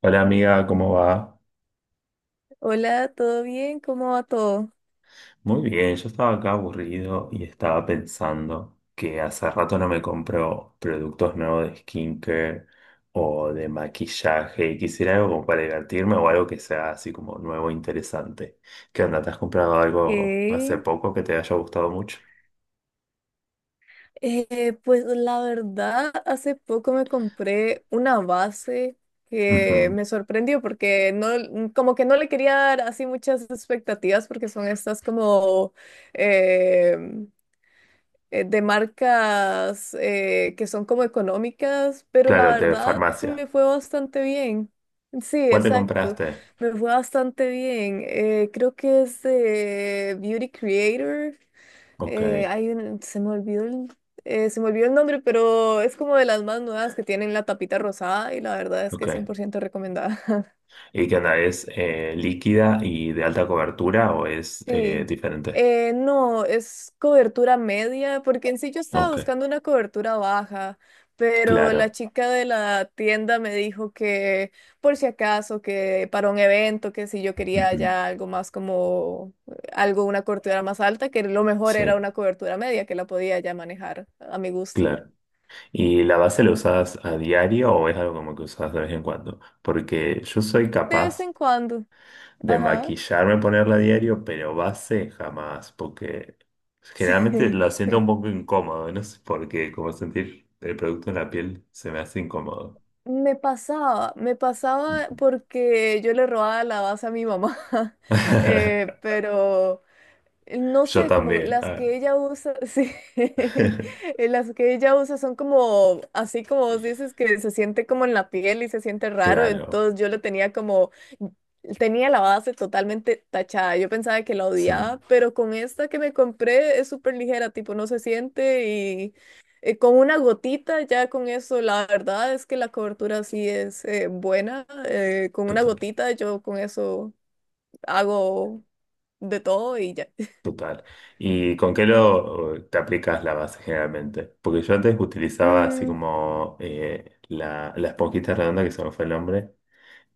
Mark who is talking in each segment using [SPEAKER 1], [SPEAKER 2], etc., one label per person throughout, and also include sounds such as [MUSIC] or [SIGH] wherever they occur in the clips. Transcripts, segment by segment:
[SPEAKER 1] Hola amiga, ¿cómo va?
[SPEAKER 2] Hola, ¿todo bien? ¿Cómo va todo?
[SPEAKER 1] Muy bien, yo estaba acá aburrido y estaba pensando que hace rato no me compro productos nuevos de skincare o de maquillaje y quisiera algo como para divertirme o algo que sea así como nuevo e interesante. ¿Qué onda? ¿Te has comprado algo hace
[SPEAKER 2] Ok.
[SPEAKER 1] poco que te haya gustado mucho?
[SPEAKER 2] Pues la verdad, hace poco me compré una base que
[SPEAKER 1] Ujú.
[SPEAKER 2] me sorprendió porque no, como que no le quería dar así muchas expectativas porque son estas como eh, de marcas que son como económicas, pero
[SPEAKER 1] Claro,
[SPEAKER 2] la
[SPEAKER 1] de
[SPEAKER 2] verdad
[SPEAKER 1] farmacia.
[SPEAKER 2] me fue bastante bien. Sí,
[SPEAKER 1] ¿Cuál te
[SPEAKER 2] exacto.
[SPEAKER 1] compraste?
[SPEAKER 2] Me fue bastante bien. Creo que es de Beauty Creator.
[SPEAKER 1] Ok,
[SPEAKER 2] Se me olvidó el, se me olvidó el nombre, pero es como de las más nuevas que tienen la tapita rosada y la verdad es que es cien
[SPEAKER 1] ok.
[SPEAKER 2] por ciento recomendada. [LAUGHS]
[SPEAKER 1] ¿Y qué onda? ¿Es líquida y de alta cobertura o es
[SPEAKER 2] Sí.
[SPEAKER 1] diferente?
[SPEAKER 2] No, es cobertura media, porque en sí yo estaba
[SPEAKER 1] Ok.
[SPEAKER 2] buscando una cobertura baja, pero la
[SPEAKER 1] Claro.
[SPEAKER 2] chica de la tienda me dijo que por si acaso, que para un evento, que si yo quería
[SPEAKER 1] Ujú,
[SPEAKER 2] ya algo más como algo, una cobertura más alta, que lo mejor era
[SPEAKER 1] sí,
[SPEAKER 2] una cobertura media, que la podía ya manejar a mi gusto.
[SPEAKER 1] claro. ¿Y la base la usas a diario o es algo como que usas de vez en cuando? Porque yo soy
[SPEAKER 2] De vez
[SPEAKER 1] capaz
[SPEAKER 2] en cuando,
[SPEAKER 1] de
[SPEAKER 2] ajá,
[SPEAKER 1] maquillarme, ponerla a diario, pero base jamás, porque
[SPEAKER 2] [LAUGHS]
[SPEAKER 1] generalmente
[SPEAKER 2] sí.
[SPEAKER 1] lo siento un poco incómodo, no sé por qué, como sentir el producto en la piel se me hace incómodo.
[SPEAKER 2] Me pasaba
[SPEAKER 1] Ujú.
[SPEAKER 2] porque yo le robaba la base a mi mamá. [LAUGHS]
[SPEAKER 1] [LAUGHS]
[SPEAKER 2] Pero no
[SPEAKER 1] Yo
[SPEAKER 2] sé, como
[SPEAKER 1] también,
[SPEAKER 2] las
[SPEAKER 1] ah.
[SPEAKER 2] que ella usa, [LAUGHS] sí, [LAUGHS]
[SPEAKER 1] [LAUGHS]
[SPEAKER 2] las que ella usa son como, así como vos dices, que se siente como en la piel y se siente raro,
[SPEAKER 1] Claro,
[SPEAKER 2] entonces yo lo tenía como, tenía la base totalmente tachada, yo pensaba que la
[SPEAKER 1] sí,
[SPEAKER 2] odiaba, pero con esta que me compré es súper ligera, tipo no se siente y con una gotita ya con eso, la verdad es que la cobertura sí es buena, con una
[SPEAKER 1] total.
[SPEAKER 2] gotita yo con eso hago de todo y ya.
[SPEAKER 1] Total. ¿Y con qué lo te aplicas la base generalmente? Porque yo antes utilizaba así
[SPEAKER 2] [LAUGHS]
[SPEAKER 1] como la esponjita redonda, que se me fue el nombre,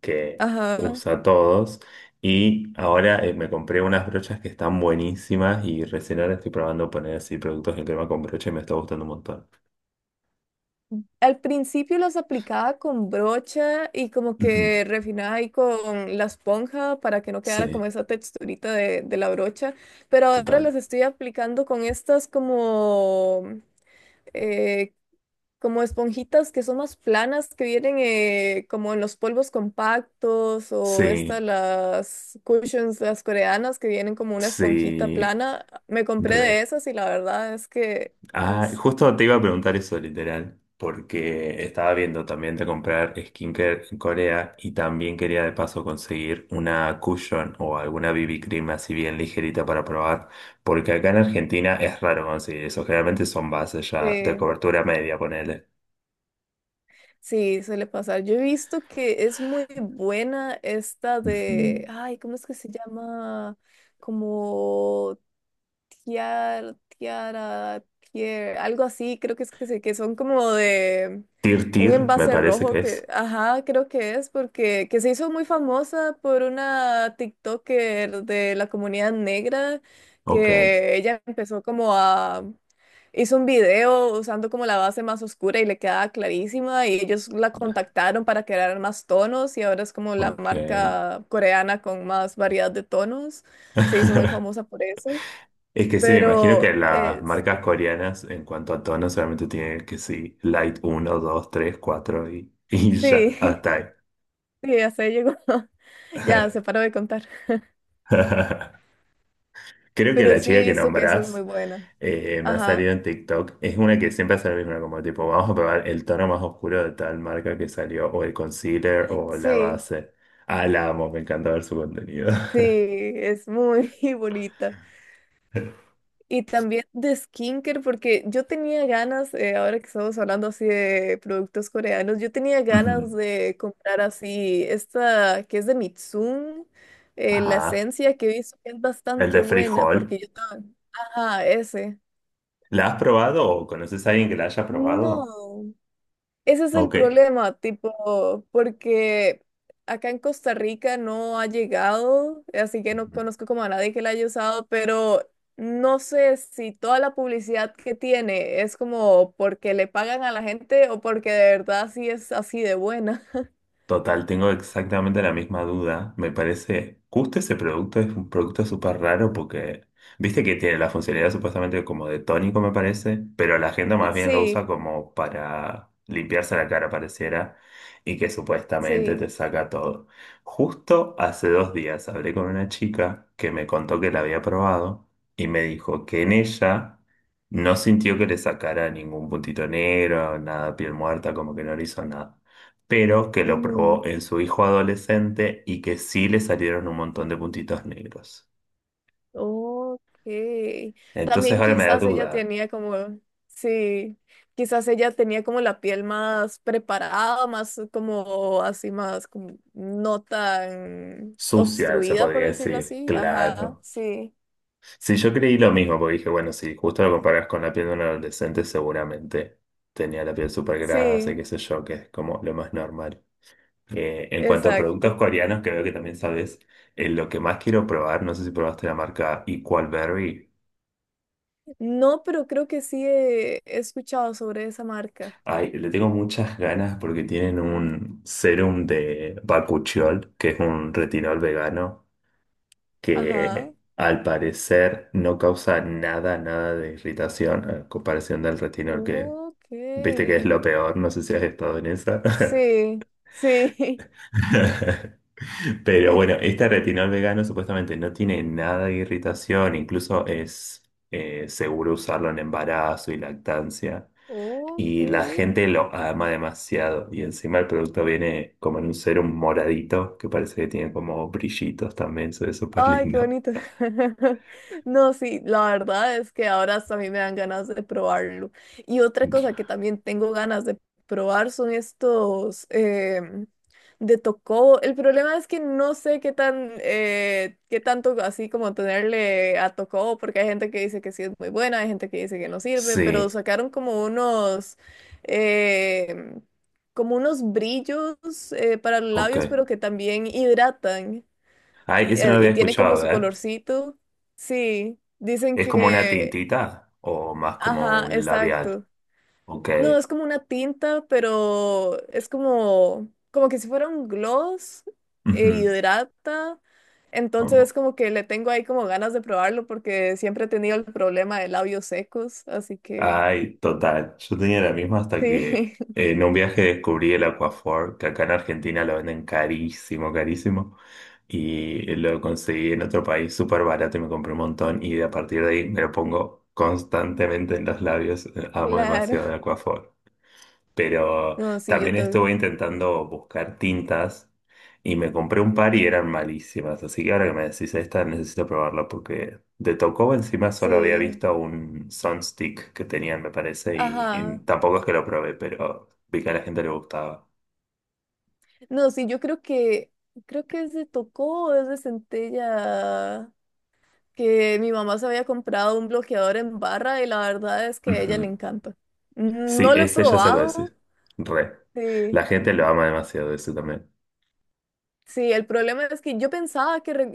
[SPEAKER 1] que
[SPEAKER 2] Ajá.
[SPEAKER 1] usa todos. Y ahora me compré unas brochas que están buenísimas y recién ahora estoy probando poner así productos en crema con brocha y me está gustando un montón.
[SPEAKER 2] Al principio las aplicaba con brocha y como
[SPEAKER 1] Ujú.
[SPEAKER 2] que refinaba ahí con la esponja para que no quedara
[SPEAKER 1] Sí,
[SPEAKER 2] como esa texturita de la brocha, pero ahora
[SPEAKER 1] total.
[SPEAKER 2] las estoy aplicando con estas como, eh, como esponjitas que son más planas, que vienen como en los polvos compactos o estas
[SPEAKER 1] Sí,
[SPEAKER 2] las cushions, las coreanas, que vienen como una esponjita
[SPEAKER 1] sí,
[SPEAKER 2] plana. Me compré de
[SPEAKER 1] re.
[SPEAKER 2] esas y la verdad es que
[SPEAKER 1] Ah,
[SPEAKER 2] es...
[SPEAKER 1] justo te iba a preguntar eso, literal, porque estaba viendo también de comprar skincare en Corea y también quería de paso conseguir una cushion o alguna BB cream así bien ligerita para probar, porque acá en Argentina es raro conseguir eso, generalmente son bases ya de
[SPEAKER 2] Sí,
[SPEAKER 1] cobertura media, ponele.
[SPEAKER 2] sí, suele pasar. Yo he visto que es muy buena esta
[SPEAKER 1] Ujú.
[SPEAKER 2] de, ay, ¿cómo es que se llama? Como tiara, tiara, tier, algo así, creo que es que son como de
[SPEAKER 1] Tir
[SPEAKER 2] un
[SPEAKER 1] Tir, me
[SPEAKER 2] envase
[SPEAKER 1] parece
[SPEAKER 2] rojo
[SPEAKER 1] que es.
[SPEAKER 2] que, ajá, creo que es porque que se hizo muy famosa por una TikToker de la comunidad negra
[SPEAKER 1] Ok,
[SPEAKER 2] que ella empezó como a hizo un video usando como la base más oscura y le quedaba clarísima y ellos la contactaron para crear más tonos y ahora es como la
[SPEAKER 1] ok.
[SPEAKER 2] marca coreana con más variedad de tonos. Se hizo muy
[SPEAKER 1] [LAUGHS]
[SPEAKER 2] famosa por eso,
[SPEAKER 1] Es que sí, me imagino
[SPEAKER 2] pero
[SPEAKER 1] que las
[SPEAKER 2] es,
[SPEAKER 1] marcas coreanas en cuanto a tono solamente tienen que sí, Light uno 2 3 4 y, [LAUGHS] y
[SPEAKER 2] sí,
[SPEAKER 1] ya, hasta ahí.
[SPEAKER 2] [LAUGHS] sí, hasta ahí llegó. [LAUGHS] Ya, se paró de contar.
[SPEAKER 1] [LAUGHS] Creo que
[SPEAKER 2] Pero
[SPEAKER 1] la
[SPEAKER 2] sí he
[SPEAKER 1] chica que
[SPEAKER 2] visto que esa es muy
[SPEAKER 1] nombrás
[SPEAKER 2] buena.
[SPEAKER 1] me ha
[SPEAKER 2] Ajá,
[SPEAKER 1] salido en TikTok es una que siempre hace lo mismo, como tipo, vamos a probar el tono más oscuro de tal marca que salió, o el concealer o la
[SPEAKER 2] sí,
[SPEAKER 1] base. Ah, la amo, me encanta ver su contenido.
[SPEAKER 2] sí, es muy [LAUGHS] bonita.
[SPEAKER 1] [LAUGHS]
[SPEAKER 2] Y también de skincare, porque yo tenía ganas, ahora que estamos hablando así de productos coreanos, yo tenía ganas
[SPEAKER 1] Ujú.
[SPEAKER 2] de comprar así esta que es de Mitsum, la
[SPEAKER 1] Ajá.
[SPEAKER 2] esencia que he visto que es
[SPEAKER 1] El
[SPEAKER 2] bastante
[SPEAKER 1] de
[SPEAKER 2] buena,
[SPEAKER 1] frijol.
[SPEAKER 2] porque yo estaba... Ajá, ese.
[SPEAKER 1] ¿La has probado o conoces a alguien que la haya probado?
[SPEAKER 2] No. Ese es el
[SPEAKER 1] Ok.
[SPEAKER 2] problema, tipo, porque acá en Costa Rica no ha llegado, así que no
[SPEAKER 1] Ujú.
[SPEAKER 2] conozco como a nadie que la haya usado, pero no sé si toda la publicidad que tiene es como porque le pagan a la gente o porque de verdad sí es así de buena. [LAUGHS]
[SPEAKER 1] Total, tengo exactamente la misma duda. Me parece, justo ese producto es un producto súper raro porque, viste que tiene la funcionalidad supuestamente como de tónico, me parece, pero la gente más bien lo usa
[SPEAKER 2] Sí,
[SPEAKER 1] como para limpiarse la cara, pareciera, y que supuestamente te
[SPEAKER 2] sí.
[SPEAKER 1] saca todo. Justo hace 2 días hablé con una chica que me contó que la había probado y me dijo que en ella no sintió que le sacara ningún puntito negro, nada, piel muerta, como que no le hizo nada pero que lo probó en su hijo adolescente y que sí le salieron un montón de puntitos negros.
[SPEAKER 2] Ok.
[SPEAKER 1] Entonces
[SPEAKER 2] También
[SPEAKER 1] ahora me da
[SPEAKER 2] quizás ella
[SPEAKER 1] duda.
[SPEAKER 2] tenía como, sí, quizás ella tenía como la piel más preparada, más como así, más como no tan
[SPEAKER 1] Sucia, se
[SPEAKER 2] obstruida, por
[SPEAKER 1] podría
[SPEAKER 2] decirlo
[SPEAKER 1] decir,
[SPEAKER 2] así. Ajá,
[SPEAKER 1] claro.
[SPEAKER 2] sí,
[SPEAKER 1] Sí, yo creí lo mismo, porque dije, bueno, si justo lo comparas con la piel de un adolescente, seguramente tenía la piel súper grasa y qué
[SPEAKER 2] sí,
[SPEAKER 1] sé yo, que es como lo más normal. En cuanto a productos
[SPEAKER 2] exacto.
[SPEAKER 1] coreanos, que veo que también sabes, lo que más quiero probar, no sé si probaste la marca Equal Berry.
[SPEAKER 2] No, pero creo que sí he, he escuchado sobre esa marca.
[SPEAKER 1] Ay, le tengo muchas ganas porque tienen un serum de bakuchiol, que es un retinol vegano,
[SPEAKER 2] Ajá.
[SPEAKER 1] que al parecer no causa nada, nada de irritación a comparación del retinol que,
[SPEAKER 2] Ok.
[SPEAKER 1] viste que es lo peor, no sé si has estado en esa. [LAUGHS]
[SPEAKER 2] Sí, sí.
[SPEAKER 1] [LAUGHS] Pero bueno, este retinol vegano supuestamente no tiene nada de irritación, incluso es seguro usarlo en embarazo y lactancia. Y
[SPEAKER 2] [LAUGHS]
[SPEAKER 1] la
[SPEAKER 2] Ok.
[SPEAKER 1] gente lo ama demasiado. Y encima el producto viene como en un serum moradito, que parece que tiene como brillitos también, se ve súper
[SPEAKER 2] Ay, qué
[SPEAKER 1] lindo.
[SPEAKER 2] bonito. [LAUGHS] No, sí, la verdad es que ahora hasta a mí me dan ganas de probarlo. Y otra cosa
[SPEAKER 1] [LAUGHS]
[SPEAKER 2] que también tengo ganas de probar son estos de Tocobo. El problema es que no sé qué tan, qué tanto así como tenerle a Tocobo, porque hay gente que dice que sí es muy buena, hay gente que dice que no sirve, pero
[SPEAKER 1] Sí,
[SPEAKER 2] sacaron como em, unos brillos para los
[SPEAKER 1] ok.
[SPEAKER 2] labios, pero que también hidratan
[SPEAKER 1] Ay, eso no lo había
[SPEAKER 2] y tiene como
[SPEAKER 1] escuchado,
[SPEAKER 2] su
[SPEAKER 1] ¿eh?
[SPEAKER 2] colorcito. Sí, dicen
[SPEAKER 1] ¿Es como una
[SPEAKER 2] que,
[SPEAKER 1] tintita o más como
[SPEAKER 2] ajá,
[SPEAKER 1] un labial?
[SPEAKER 2] exacto.
[SPEAKER 1] Ok.
[SPEAKER 2] No, es como una tinta, pero es como, como que si fuera un gloss, e hidrata. Entonces es
[SPEAKER 1] Ujú.
[SPEAKER 2] como que le tengo ahí como ganas de probarlo porque siempre he tenido el problema de labios secos, así que
[SPEAKER 1] Ay, total. Yo tenía la misma hasta que
[SPEAKER 2] sí,
[SPEAKER 1] en un viaje descubrí el Aquaphor, que acá en Argentina lo venden carísimo, carísimo. Y lo conseguí en otro país súper barato y me compré un montón. Y a partir de ahí me lo pongo constantemente en los labios.
[SPEAKER 2] [LAUGHS]
[SPEAKER 1] Amo
[SPEAKER 2] claro.
[SPEAKER 1] demasiado el Aquaphor. Pero
[SPEAKER 2] No, sí, yo
[SPEAKER 1] también
[SPEAKER 2] tengo,
[SPEAKER 1] estuve intentando buscar tintas y me compré un par y eran malísimas. Así que ahora que me decís esta, necesito probarla porque de Tocobo encima solo había
[SPEAKER 2] sí,
[SPEAKER 1] visto un Sunstick que tenían, me parece, y
[SPEAKER 2] ajá.
[SPEAKER 1] tampoco es que lo probé, pero vi que a la gente le gustaba.
[SPEAKER 2] No, sí, yo creo que es de Tocó o es de Centella. Que mi mamá se había comprado un bloqueador en barra y la verdad es que a ella le
[SPEAKER 1] Ujú.
[SPEAKER 2] encanta.
[SPEAKER 1] Sí,
[SPEAKER 2] No lo he
[SPEAKER 1] ese ya sé cuál
[SPEAKER 2] probado,
[SPEAKER 1] decir. Re. La
[SPEAKER 2] sí.
[SPEAKER 1] gente lo ama demasiado, ese también.
[SPEAKER 2] Sí, el problema es que yo pensaba que re-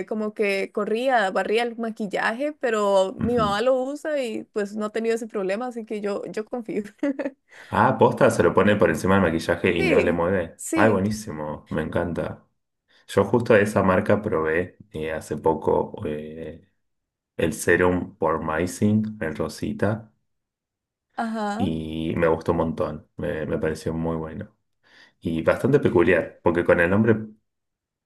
[SPEAKER 2] eh, como que corría, barría el maquillaje, pero mi
[SPEAKER 1] Ujú.
[SPEAKER 2] mamá lo usa y pues no ha tenido ese problema, así que yo confío. [LAUGHS]
[SPEAKER 1] Ah, posta, se lo pone por encima del maquillaje y no le
[SPEAKER 2] Sí,
[SPEAKER 1] mueve. Ay,
[SPEAKER 2] sí,
[SPEAKER 1] buenísimo, me encanta. Yo justo de esa marca probé hace poco el serum por Pormazine, el Rosita,
[SPEAKER 2] ajá,
[SPEAKER 1] y me gustó un montón, me pareció muy bueno. Y bastante peculiar, porque con el nombre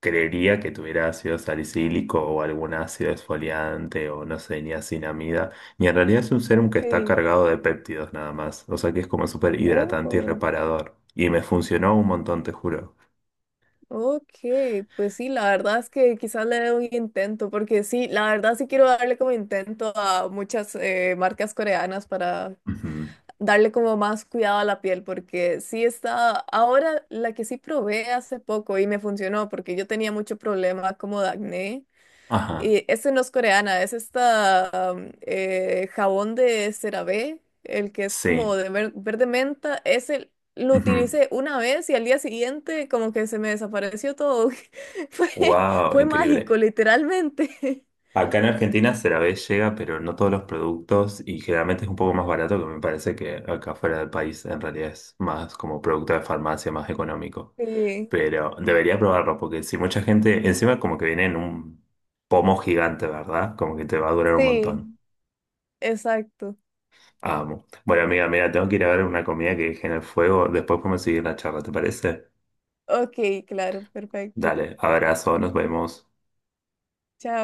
[SPEAKER 1] creería que tuviera ácido salicílico o algún ácido esfoliante o no sé, niacinamida, y en realidad es un serum que está
[SPEAKER 2] sí.
[SPEAKER 1] cargado de péptidos nada más, o sea que es como súper hidratante y
[SPEAKER 2] Oh.
[SPEAKER 1] reparador. Y me funcionó un montón, te juro.
[SPEAKER 2] Ok, pues sí, la verdad es que quizás le dé un intento, porque sí, la verdad sí quiero darle como intento a muchas marcas coreanas para
[SPEAKER 1] Ujú.
[SPEAKER 2] darle como más cuidado a la piel, porque sí está, ahora la que sí probé hace poco y me funcionó, porque yo tenía mucho problema como de acné.
[SPEAKER 1] Ajá,
[SPEAKER 2] Y ese no es coreana, es esta jabón de CeraVe, el que es como
[SPEAKER 1] sí.
[SPEAKER 2] de verde menta. Ese lo
[SPEAKER 1] Ujú.
[SPEAKER 2] utilicé una vez y al día siguiente como que se me desapareció todo. [LAUGHS] Fue,
[SPEAKER 1] Wow,
[SPEAKER 2] fue
[SPEAKER 1] increíble.
[SPEAKER 2] mágico, literalmente. [LAUGHS]
[SPEAKER 1] Acá en Argentina vez llega, pero no todos los productos y generalmente es un poco más barato que me parece que acá fuera del país en realidad es más como producto de farmacia, más económico.
[SPEAKER 2] Sí,
[SPEAKER 1] Pero debería probarlo porque si mucha gente, encima como que viene en un pomo gigante, ¿verdad? Como que te va a durar un
[SPEAKER 2] sí,
[SPEAKER 1] montón.
[SPEAKER 2] exacto.
[SPEAKER 1] Amo. Bueno, amiga, mira, tengo que ir a ver una comida que dejé en el fuego. Después podemos seguir la charla, ¿te parece?
[SPEAKER 2] Ok, claro, perfecto.
[SPEAKER 1] Dale, abrazo, nos vemos.
[SPEAKER 2] Chao.